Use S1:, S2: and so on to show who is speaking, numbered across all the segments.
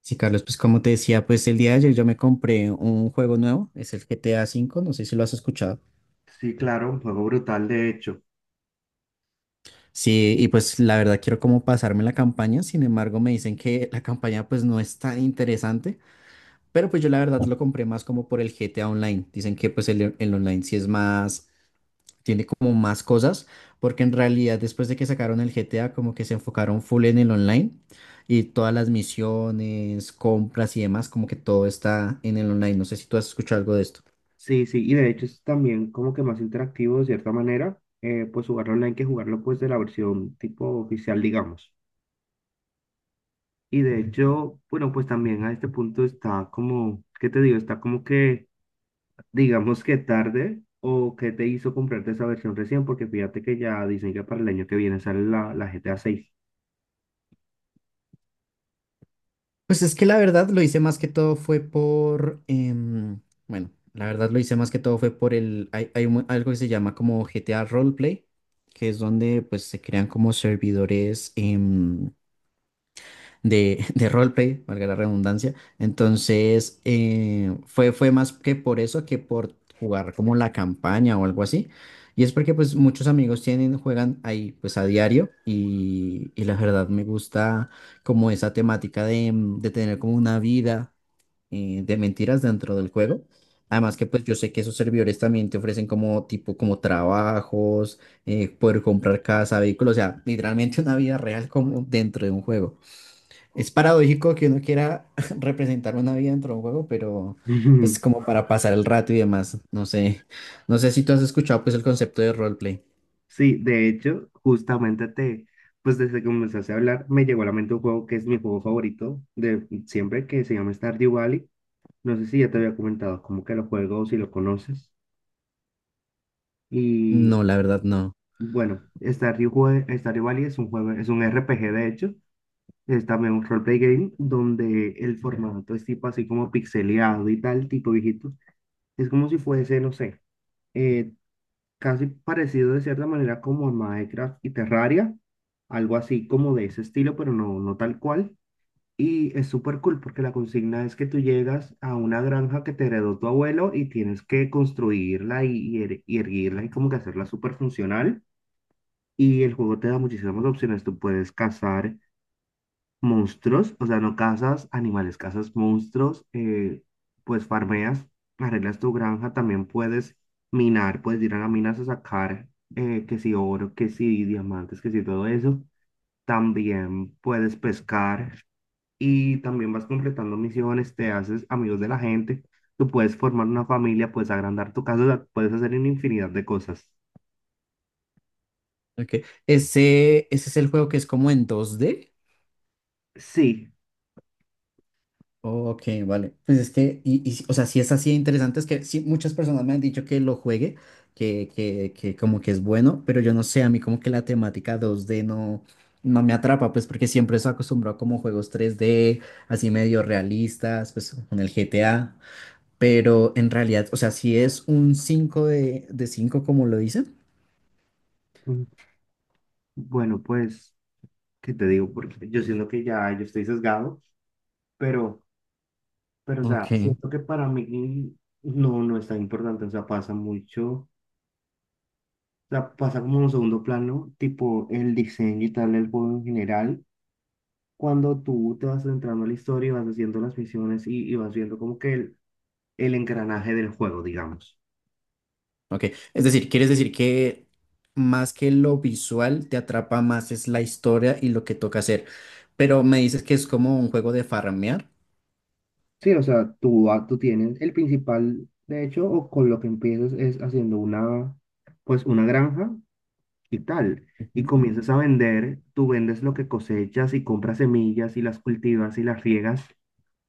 S1: Sí, Carlos, pues como te decía, pues el día de ayer yo me compré un juego nuevo, es el GTA cinco, no sé si lo has escuchado.
S2: Sí, claro, un juego brutal, de hecho.
S1: Sí, y pues la verdad quiero como pasarme la campaña, sin embargo me dicen que la campaña pues no es tan interesante, pero pues yo la verdad lo compré más como por el GTA Online. Dicen que pues el online sí es más, tiene como más cosas, porque en realidad después de que sacaron el GTA como que se enfocaron full en el online y todas las misiones, compras y demás, como que todo está en el online. No sé si tú has escuchado algo de esto.
S2: Sí, sí, y de hecho es también como que más interactivo de cierta manera, pues jugarlo online que jugarlo pues de la versión tipo oficial, digamos. Y de hecho, bueno, pues también a este punto está como, ¿qué te digo? Está como que, digamos que tarde o que te hizo comprarte esa versión recién, porque fíjate que ya dicen que para el año que viene sale la GTA 6
S1: Pues es que la verdad lo hice más que todo fue bueno, la verdad lo hice más que todo fue por el, algo que se llama como GTA Roleplay, que es donde pues se crean como servidores de, de roleplay, valga la redundancia. Entonces, fue más que por eso que por jugar como la campaña o algo así. Y es porque pues muchos amigos tienen, juegan ahí pues a diario y la verdad me gusta como esa temática de, de tener como una vida de mentiras dentro del juego. Además que pues yo sé que esos servidores también te ofrecen como tipo como trabajos, poder comprar casa, vehículo o sea, literalmente una vida real como dentro de un juego. Es paradójico que uno quiera representar una vida dentro de un juego, pero pues como para pasar el rato y demás. No sé, no sé si tú has escuchado pues el concepto de roleplay.
S2: Sí, de hecho, pues desde que comenzaste a hablar, me llegó a la mente un juego que es mi juego favorito de siempre, que se llama Stardew Valley. No sé si ya te había comentado como que lo juego, o si lo conoces. Y
S1: No, la verdad no.
S2: bueno, Stardew Valley es un juego, es un RPG de hecho, es también un roleplay game donde el formato es tipo así como pixeleado y tal, tipo viejito. Es como si fuese, no sé, eh, casi parecido de cierta manera como a Minecraft y Terraria, algo así como de ese estilo, pero no, no tal cual. Y es súper cool porque la consigna es que tú llegas a una granja que te heredó tu abuelo y tienes que construirla y erguirla y como que hacerla súper funcional. Y el juego te da muchísimas opciones. Tú puedes cazar monstruos, o sea, no cazas animales, cazas monstruos, pues farmeas, arreglas tu granja, también puedes minar, puedes ir a las minas a sacar que si oro, que si diamantes, que si todo eso. También puedes pescar y también vas completando misiones, te haces amigos de la gente, tú puedes formar una familia, puedes agrandar tu casa, o sea, puedes hacer una infinidad de cosas.
S1: Okay. Ese es el juego que es como en 2D.
S2: Sí,
S1: Ok, vale. Pues es que, si, o sea, sí es así de interesante, es que sí, muchas personas me han dicho que lo juegue, que como que es bueno, pero yo no sé, a mí como que la temática 2D no, no me atrapa, pues porque siempre estoy acostumbrado como a juegos 3D, así medio realistas, pues con el GTA, pero en realidad, o sea, sí es un 5 de 5 como lo dicen.
S2: mm, bueno, pues, ¿qué te digo? Porque yo siento que ya yo estoy sesgado, pero. Pero, o sea,
S1: Ok.
S2: siento que para mí no, no es tan importante, o sea, pasa mucho, o sea, pasa como un segundo plano, tipo el diseño y tal, el juego en general, cuando tú te vas centrando en la historia y vas haciendo las misiones y vas viendo como que el engranaje del juego, digamos.
S1: Ok, es decir, ¿quieres decir que más que lo visual te atrapa más es la historia y lo que toca hacer? Pero me dices que es como un juego de farmear.
S2: Sí, o sea, tú, ah, tú tienes el principal, de hecho, o con lo que empiezas es haciendo una, pues, una granja y tal
S1: Ujú,
S2: y comienzas a vender, tú vendes lo que cosechas y compras semillas y las cultivas y las riegas.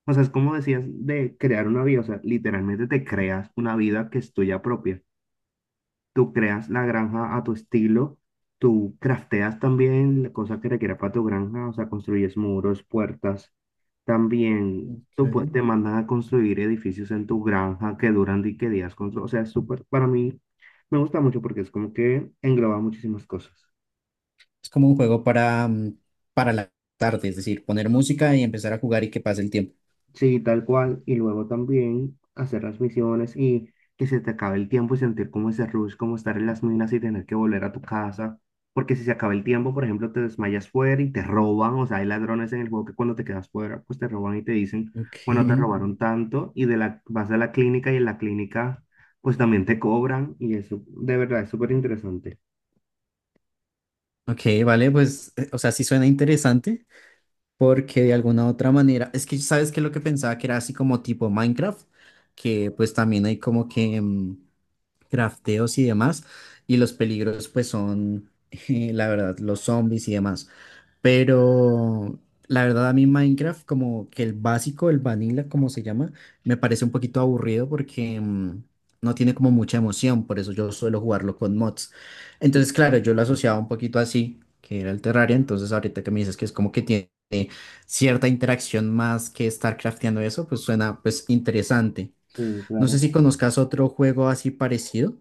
S2: O sea, es como decías de crear una vida, o sea, literalmente te creas una vida que es tuya propia. Tú creas la granja a tu estilo, tú crafteas también la cosa que requiera para tu granja, o sea, construyes muros, puertas. También te
S1: sí.
S2: mandan a construir edificios en tu granja que duran di que días o sea, es súper, para mí me, gusta mucho porque es como que engloba muchísimas cosas.
S1: Es como un juego para, para la tarde, es decir, poner música y empezar a jugar y que pase el tiempo.
S2: Sí, tal cual. Y luego también hacer las misiones y que se te acabe el tiempo y sentir como ese rush, como estar en las minas y tener que volver a tu casa. Porque si se acaba el tiempo, por ejemplo, te desmayas fuera y te roban. O sea, hay ladrones en el juego que cuando te quedas fuera, pues te roban y te dicen,
S1: Ok.
S2: bueno, te robaron tanto. Y de la, vas a la clínica y en la clínica, pues también te cobran. Y eso, de verdad, es súper interesante.
S1: Ok, vale, pues, o sea, sí suena interesante porque de alguna u otra manera, es que sabes que lo que pensaba que era así como tipo Minecraft, que pues también hay como que crafteos y demás, y los peligros pues son, la verdad, los zombies y demás. Pero la verdad a mí Minecraft, como que el básico, el vanilla, como se llama, me parece un poquito aburrido porque no tiene como mucha emoción, por eso yo suelo jugarlo con mods. Entonces, claro, yo lo asociaba un poquito así, que era el Terraria, entonces ahorita que me dices que es como que tiene cierta interacción más que estar crafteando eso, pues suena pues interesante.
S2: Sí,
S1: No sé
S2: claro.
S1: si conozcas otro juego así parecido.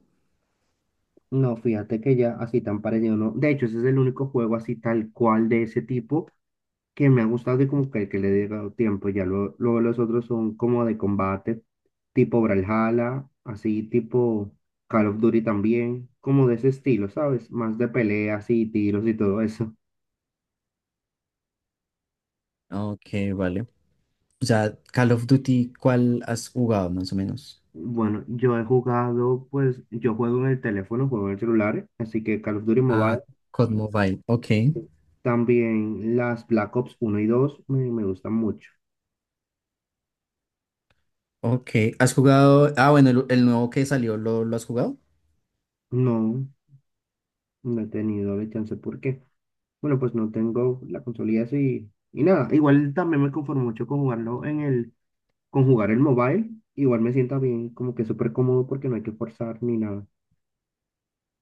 S2: No, fíjate que ya así tan parecido, ¿no? De hecho, ese es el único juego así tal cual de ese tipo que me ha gustado y como que le he dado tiempo. Ya luego luego los otros son como de combate, tipo Brawlhalla, así tipo Call of Duty también, como de ese estilo, ¿sabes? Más de peleas y tiros y todo eso.
S1: Ok, vale. O sea, Call of Duty, ¿cuál has jugado más o menos?
S2: Bueno, yo he jugado, pues yo juego en el teléfono, juego en el celular, así que Call of Duty Mobile.
S1: Ah, COD Mobile. Ok,
S2: También las Black Ops uno y 2 me gustan mucho.
S1: ok. ¿Has jugado? Ah, bueno, el nuevo que salió, ¿lo has jugado?
S2: No, no he tenido la chance. ¿Por qué? Bueno, pues no tengo la consolilla así y nada. Igual también me conformo mucho con jugarlo en el, con jugar el mobile. Igual me sienta bien, como que súper cómodo porque no hay que forzar ni nada.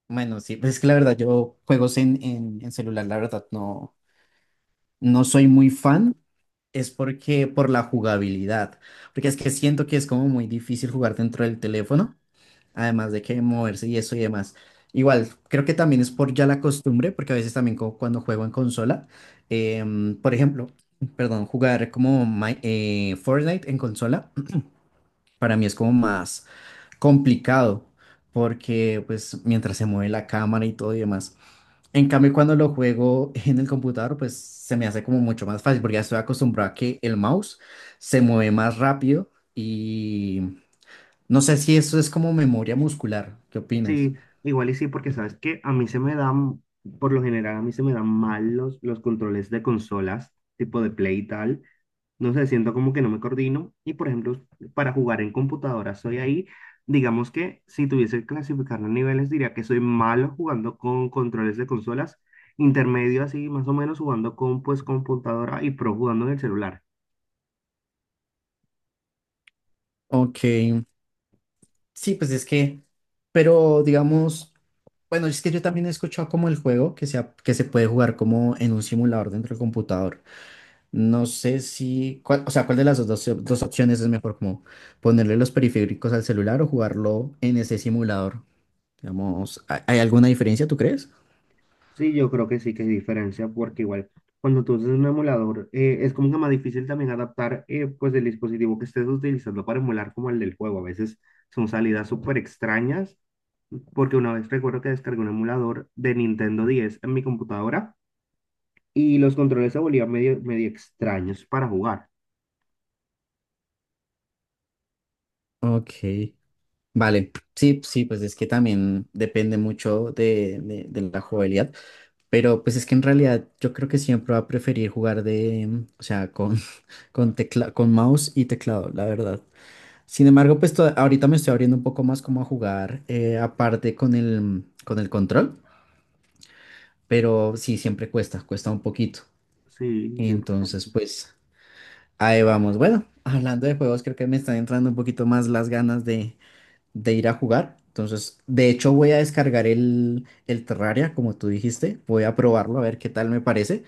S1: Bueno, sí, pues es que la verdad, yo juegos en celular, la verdad, no, no soy muy fan. Es porque por la jugabilidad. Porque es que siento que es como muy difícil jugar dentro del teléfono, además de que moverse y eso y demás. Igual, creo que también es por ya la costumbre, porque a veces también cuando juego en consola, por ejemplo, perdón, jugar como Fortnite en consola, para mí es como más complicado, porque pues mientras se mueve la cámara y todo y demás. En cambio, cuando lo juego en el computador, pues se me hace como mucho más fácil, porque ya estoy acostumbrado a que el mouse se mueve más rápido y no sé si eso es como memoria muscular. ¿Qué opinas?
S2: Sí, igual y sí, porque sabes que a mí se me dan, por lo general, a mí se me dan mal los controles de consolas, tipo de Play y tal. No sé, siento como que no me coordino. Y por ejemplo, para jugar en computadora soy ahí. Digamos que si tuviese que clasificar los niveles, diría que soy malo jugando con controles de consolas, intermedio así, más o menos jugando con pues computadora y pro jugando en el celular.
S1: Ok, sí, pues es que, pero digamos, bueno, es que yo también he escuchado como el juego que se puede jugar como en un simulador dentro del computador. No sé si, cuál, o sea, cuál de las dos opciones es mejor, como ponerle los periféricos al celular o jugarlo en ese simulador. Digamos, ¿hay alguna diferencia, tú crees?
S2: Sí, yo creo que sí que hay diferencia porque igual cuando tú usas un emulador es como que más difícil también adaptar pues el dispositivo que estés utilizando para emular como el del juego. A veces son salidas súper extrañas porque una vez recuerdo que descargué un emulador de Nintendo 10 en mi computadora y los controles se volvían medio, medio extraños para jugar.
S1: Ok, vale, sí, sí, pues es que también depende mucho de la jugabilidad, pero pues es que en realidad yo creo que siempre va a preferir jugar de, o sea, con, con mouse y teclado, la verdad. Sin embargo, ahorita me estoy abriendo un poco más como a jugar, aparte con el control, pero sí, siempre cuesta, cuesta un poquito.
S2: Sí,
S1: Entonces,
S2: 100%.
S1: pues ahí vamos. Bueno, hablando de juegos, creo que me están entrando un poquito más las ganas de ir a jugar. Entonces, de hecho, voy a descargar el Terraria, como tú dijiste. Voy a probarlo a ver qué tal me parece.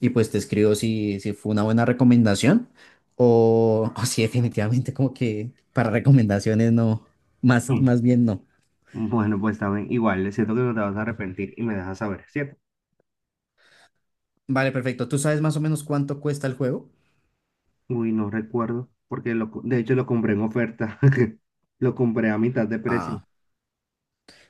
S1: Y pues te escribo si, si fue una buena recomendación o si definitivamente como que para recomendaciones no,
S2: Mm.
S1: más bien no.
S2: Bueno, pues también igual, siento que no te vas a arrepentir y me dejas saber, ¿cierto?
S1: Vale, perfecto. ¿Tú sabes más o menos cuánto cuesta el juego?
S2: Uy, no recuerdo, porque lo, co- de hecho lo compré en oferta. Lo compré a mitad de precio.
S1: Ah.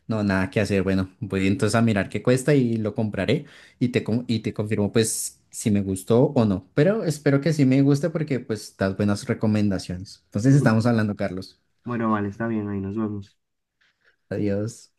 S1: No, nada que hacer. Bueno, voy entonces a mirar qué cuesta y lo compraré y te confirmo pues si me gustó o no. Pero espero que sí me guste porque pues das buenas recomendaciones. Entonces
S2: Ujú.
S1: estamos hablando, Carlos.
S2: Bueno, vale, está bien, ahí nos vemos.
S1: Adiós.